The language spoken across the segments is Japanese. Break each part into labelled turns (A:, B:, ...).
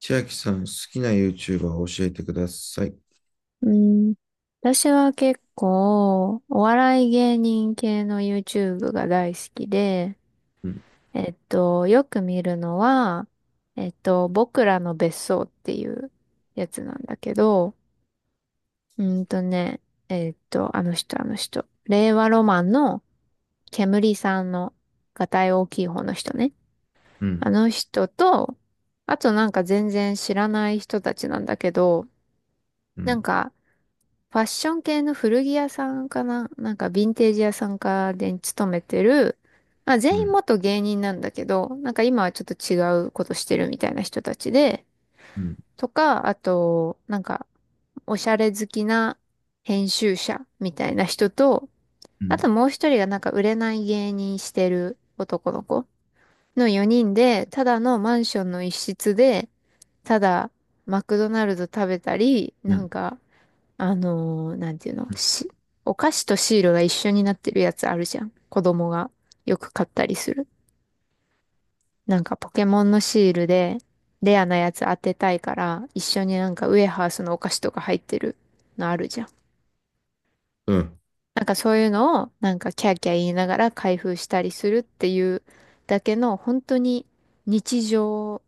A: 千秋さん、好きな YouTuber を教えてください。
B: うん。私は結構、お笑い芸人系の YouTube が大好きで、
A: うん、
B: よく見るのは、僕らの別荘っていうやつなんだけど、うんとね、あの人、令和ロマンの煙さんの、がたい大きい方の人ね。
A: うん、
B: あの人と、あとなんか全然知らない人たちなんだけど、
A: う
B: なん
A: ん、
B: か、ファッション系の古着屋さんかななんかヴィンテージ屋さんかで勤めてる、まあ
A: う
B: 全員
A: ん、
B: 元芸人なんだけど、なんか今はちょっと違うことしてるみたいな人たちで、
A: うん、
B: とか、あと、なんかおしゃれ好きな編集者みたいな人と、
A: う
B: あと
A: ん、
B: もう一人がなんか売れない芸人してる男の子の4人で、ただのマンションの一室で、ただマクドナルド食べたり、
A: う
B: なん
A: ん、
B: かなんていうの、お菓子とシールが一緒になってるやつあるじゃん。子供がよく買ったりする。なんかポケモンのシールでレアなやつ当てたいから、一緒になんかウエハースのお菓子とか入ってるのあるじゃん。
A: うん、
B: なんかそういうのをなんかキャーキャー言いながら開封したりするっていうだけの本当に日常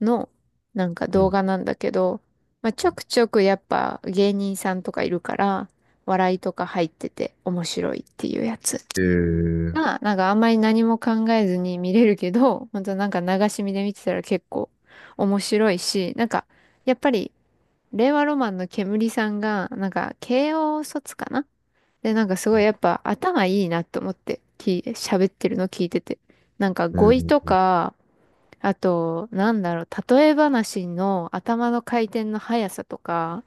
B: の、なんか
A: う
B: 動
A: ん。
B: 画なんだけど、まあ、ちょくちょくやっぱ芸人さんとかいるから、笑いとか入ってて面白いっていうやつ
A: えー、
B: が、なんかあんまり何も考えずに見れるけど、本当なんか流し見で見てたら結構面白いし、なんかやっぱり令和ロマンの煙さんが、なんか慶応卒かなで、なんかすごいやっぱ頭いいなと思って、喋ってるの聞いてて。なんか
A: え
B: 語彙と
A: ー、
B: か、あと、なんだろう、例え話の頭の回転の速さとか、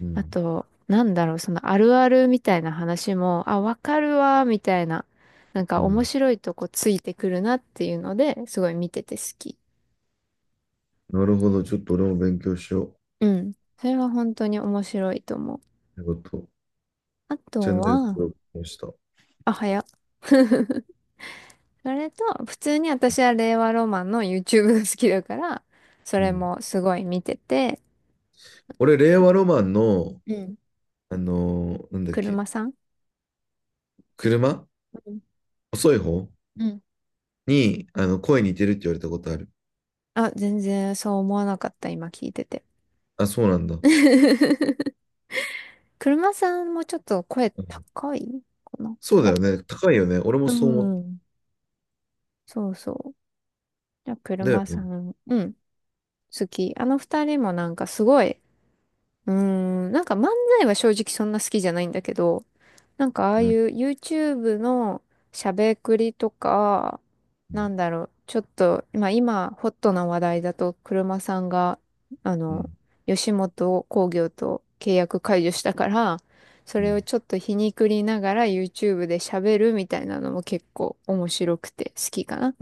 A: う
B: あ
A: ん、
B: と、なんだろう、そのあるあるみたいな話も、あ、わかるわ、みたいな、なんか
A: う
B: 面
A: ん。
B: 白いとこついてくるなっていうので、すごい見てて好き。
A: なるほど。ちょっと俺も勉強しよう。
B: うん。それは本当に面白いと思う。
A: ということ。
B: あと
A: チャンネル
B: は、
A: 登録しました。
B: あ、早っ。それと、普通に私は令和ロマンの YouTube が好きだから、そ
A: う
B: れ
A: ん。
B: もすごい見てて、
A: 俺、令和ロマンの、
B: うん。
A: なんだっけ、
B: 車さん。
A: 車
B: うん。
A: 遅い方
B: うん。
A: に、あの、声似てるって言われたことある。
B: あ、全然そう思わなかった、今聞いてて。
A: あ、そうなんだ。う
B: 車さんもちょっと声
A: ん。
B: 高いかな。
A: そうだよね。高いよね。俺も
B: おう
A: そう思っ
B: ん。そうそう。じゃあ、
A: た。だよ
B: 車さ
A: ね。
B: ん、うん、好き。あの二人もなんかすごい、うーん、なんか漫才は正直そんな好きじゃないんだけど、なんかああ
A: う
B: い
A: ん、
B: う YouTube のしゃべくりとか、
A: う
B: な
A: ん、
B: んだろう、ちょっと、今、ホットな話題だと、車さんが、あ
A: う
B: の、
A: ん。
B: 吉本興業と契約解除したから、そ
A: う
B: れを
A: ん。
B: ちょっと皮肉りながら YouTube で喋るみたいなのも結構面白くて好きかな。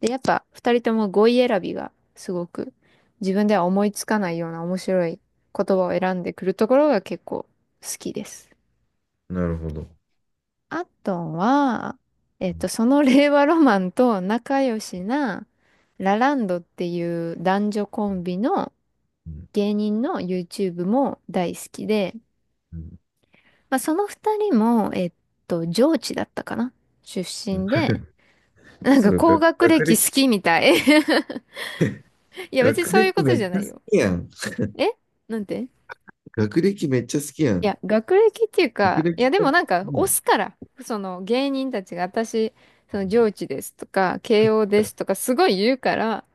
B: で、やっぱ二人とも語彙選びがすごく自分では思いつかないような面白い言葉を選んでくるところが結構好きです。
A: なるほど。
B: アットンは、
A: うん、
B: その令和ロマンと仲良しなラランドっていう男女コンビの
A: うん、
B: 芸人の YouTube も大好きで、
A: うん、
B: まあ、その二人も、上智だったかな出
A: うん。
B: 身で、なん
A: す
B: か
A: ごい、
B: 高学
A: 学
B: 歴
A: 歴、
B: 好きみたい。いや、別に
A: 学
B: そういう
A: 歴
B: こと
A: めっ
B: じ
A: ち
B: ゃな
A: ゃ好
B: いよ。
A: きやん。
B: えなんてい
A: 学歴めっちゃ好きやん。
B: や、学歴っていう
A: 学
B: か、い
A: 歴
B: や、でも
A: と、
B: なんか、
A: も
B: 押
A: う、
B: すから、その芸人たちが私、その上智ですとか、慶応ですとか、すごい言うから、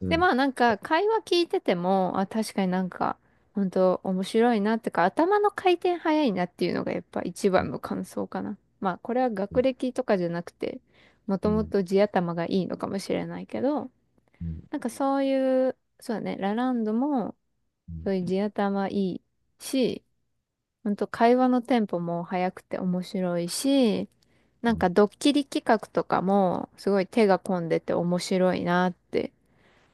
A: う
B: で、
A: ん、
B: まあなんか会話聞いてても、あ、確かになんか、本当面白いなってか、頭の回転早いなっていうのがやっぱ一
A: う
B: 番
A: ん、
B: の感想かな。まあこれは
A: う
B: 学
A: ん、
B: 歴とかじゃなくて、も
A: う
B: とも
A: ん、
B: と地頭がいいのかもしれないけど、
A: うん、
B: なんかそういう、そうだね、ラランドもそういう
A: う
B: 地頭いいし、本当会話のテンポも早くて面白いし、なんか
A: ん、
B: ドッキリ企画とかもすごい手が込んでて面白いなって。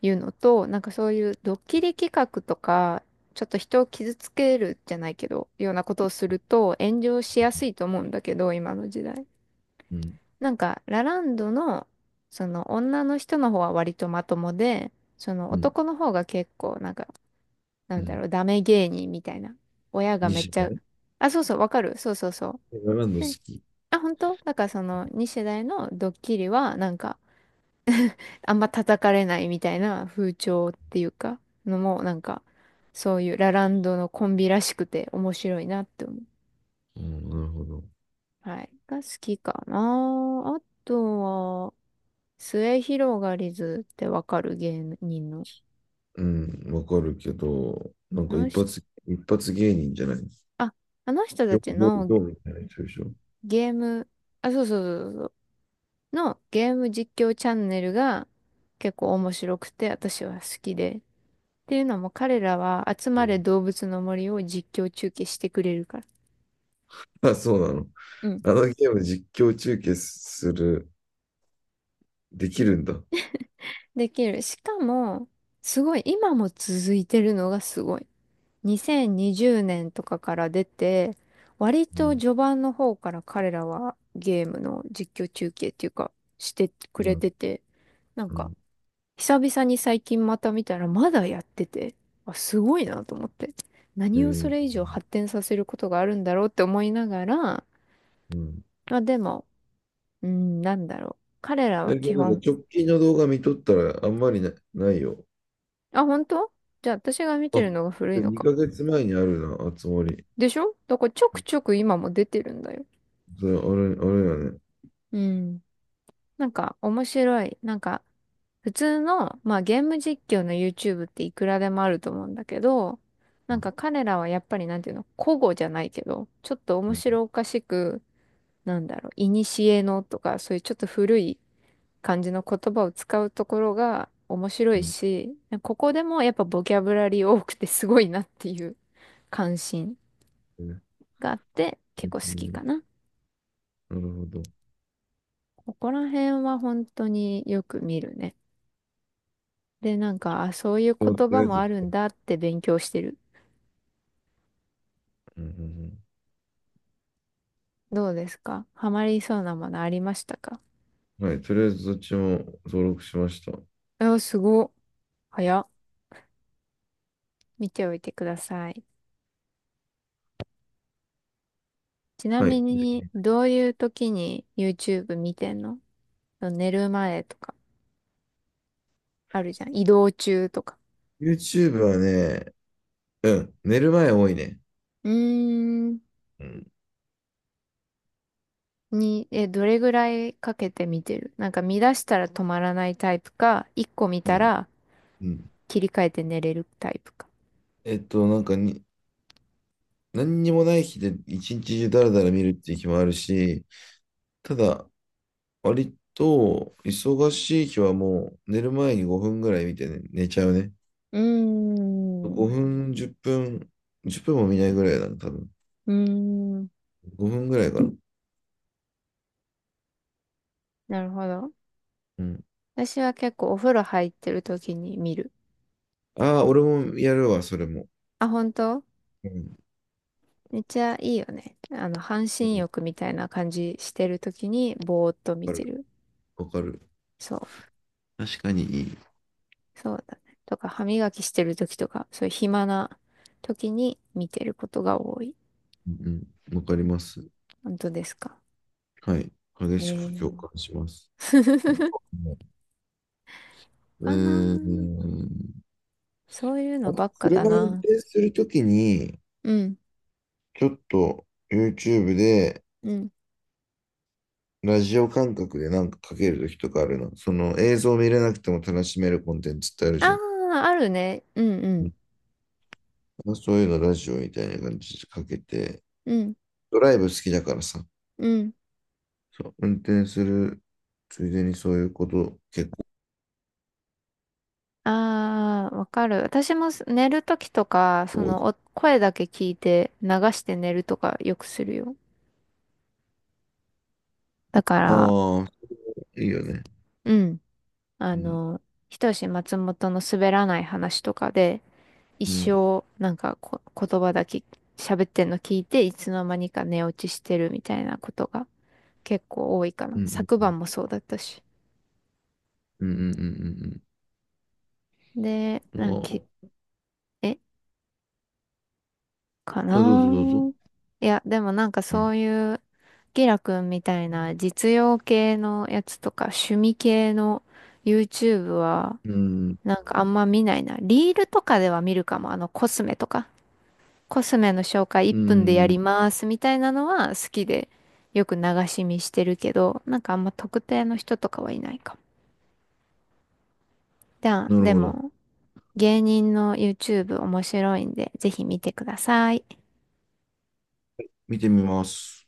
B: いうのと、なんかそういうドッキリ企画とか、ちょっと人を傷つけるじゃないけど、ようなことをすると炎上しやすいと思うんだけど、今の時代。
A: うん、
B: なんか、ラランドの、その女の人の方は割とまともで、その
A: うん、
B: 男の方が結構、なんか、な
A: う
B: んだ
A: ん。
B: ろう、ダメ芸人みたいな。親がめっ
A: 西
B: ち
A: 野
B: ゃ、
A: ね。
B: あ、そうそう、わかる。そうそうそ
A: エガランド
B: う。で、
A: 好き。
B: あ、本当だからその2世代のドッキリは、なんか、あんま叩かれないみたいな風潮っていうか、のも、なんか、そういうラランドのコンビらしくて面白いなって思う。
A: うん、なるほど。
B: はい。が好きかな。あとは、末広がりずってわかる芸人の。
A: うん、わかるけど、なん
B: あ
A: か
B: の
A: 一
B: 人、
A: 発、一発芸人じゃない。
B: あ、あの人た
A: よ、
B: ち
A: よ、
B: の
A: よみたいな人でしょ。
B: ゲーム、あ、そうそうそうそう、のゲーム実況チャンネルが結構面白くて私は好きで。っていうのも彼らは集
A: う
B: まれ
A: ん。
B: 動物の森を実況中継してくれるから。
A: あ、そうなの。
B: うん。
A: あのゲーム実況中継する、できるんだ。う
B: できる。しかも、すごい、今も続いてるのがすごい。2020年とかから出て、割と
A: ん、
B: 序盤の方から彼らはゲームの実況中継っていうか、してく
A: う
B: れ
A: ん
B: てて、なん
A: う
B: か、
A: ん。
B: 久々に最近また見たらまだやってて、あ、すごいなと思って。
A: え
B: 何をそ
A: ー、
B: れ以上発展させることがあるんだろうって思いながら、
A: うん。
B: まあでも、うん、なんだろう。彼ら
A: え、
B: は
A: で、
B: 基
A: なんか
B: 本、
A: 直近の動画見とったらあんまりな、ないよ。
B: あ、本当じゃあ私が見て
A: あ、
B: るのが古い
A: で
B: のか。
A: 2ヶ月前にあるな、あつ森。
B: でしょだからちょくちょく今も出てるんだよ。
A: それ、あれ、あれやね。
B: うん。なんか面白い。なんか普通の、まあゲーム実況の YouTube っていくらでもあると思うんだけど、
A: う
B: なん
A: ん、
B: か彼らはやっぱりなんていうの、古語じゃないけど、ちょっと
A: う
B: 面
A: ん、
B: 白おかしく、なんだろう、古のとか、そういうちょっと古い感じの言葉を使うところが面白
A: う
B: い
A: ん。
B: し、ここでもやっぱボキャブラリー多くてすごいなっていう関心
A: え
B: があって、結構好き
A: ー、
B: かな。
A: なるほど。
B: ここら辺は本当によく見るね。で、なんか、あ、そういう
A: でも、と
B: 言
A: り
B: 葉
A: あえ
B: も
A: ず、
B: あるんだって勉強してる。
A: うんうん
B: どうですかハマりそうなものありましたか。
A: うん、はい、とりあえずどっちも登録しました。
B: あ、すごっ。早っ。見ておいてください。ちな
A: は
B: み
A: い。
B: に、どういう時に YouTube 見てんの？寝る前とか、あるじゃん。移動中とか。
A: YouTube はね、うん、寝る前多いね。
B: うーん。
A: うん、
B: に、え、どれぐらいかけて見てる？なんか見出したら止まらないタイプか、一個見
A: う
B: た
A: ん、
B: ら
A: うん。
B: 切り替えて寝れるタイプか。
A: えっと、なんかに、何にもない日で一日中ダラダラ見るっていう日もあるし、ただ、割と、忙しい日はもう、寝る前に5分ぐらい見て、ね、寝ちゃうね。
B: うーん。う
A: 5分、10分、10分も見ないぐらいだな、多分。
B: ーん。
A: 5分ぐらいかな。
B: なるほど。
A: うん。
B: 私は結構お風呂入ってる時に見る。
A: ああ、俺もやるわ、それも。
B: あ、本当？
A: うん。
B: めっちゃいいよね。あの、半
A: う
B: 身
A: ん、
B: 浴みたいな感じしてる時にぼーっと見
A: わか
B: て
A: る。
B: る。
A: わかる。
B: そう。
A: 確かにいい。
B: そうだね。とか、歯磨きしてる時とか、そういう暇な時に見てることが多い。
A: うんうん。わかります。
B: 本当ですか。
A: はい。激
B: え
A: しく
B: え
A: 共感します。あ
B: ー。
A: と、う
B: かな
A: ー
B: ー。
A: ん。
B: そういう
A: あ
B: の
A: と、
B: ばっかだ
A: 車運
B: な。
A: 転するときに、
B: うん。
A: ちょっと YouTube で、
B: うん。
A: ラジオ感覚でなんかかけるときとかあるの。その映像見れなくても楽しめるコンテンツってある
B: あ
A: じゃん。
B: あ、あるね。うんう
A: う
B: ん。
A: ん。そういうのラジオみたいな感じでかけて、
B: うん。
A: ドライブ好きだからさ、
B: うん。
A: そう運転するついでにそういうこと結
B: ああ、わかる。私も寝るときとか、そ
A: 構多いか
B: の、お声だけ聞いて流して寝るとかよくするよ。だか
A: ら。
B: ら、
A: ああ、いいよね。
B: うん。あ
A: うん、
B: の、ひとし松本の滑らない話とかで、一
A: うん、
B: 生、なんかこ、言葉だけ喋ってんの聞いて、いつの間にか寝落ちしてるみたいなことが結構多いか
A: う
B: な。
A: ん、
B: 昨
A: うん、
B: 晩もそうだったし。
A: うん、うん、うん、うん。
B: で、
A: うんう
B: なんかき、
A: ん、あ
B: え、か
A: ー、あ、どう
B: な
A: ぞどうぞ。
B: ー。いや、でもなんか
A: う
B: そ
A: ん、
B: ういうキラくんみたいな実用系のやつとか趣味系の YouTube は
A: うん、
B: なんかあんま見ないな。リールとかでは見るかも。あのコスメとか。コスメの紹介1
A: う
B: 分でや
A: ん、
B: りますみたいなのは好きでよく流し見してるけど、なんかあんま特定の人とかはいないかも。じゃあ、
A: なる
B: で
A: ほど。
B: も芸人の YouTube 面白いんでぜひ見てください。
A: 見てみます。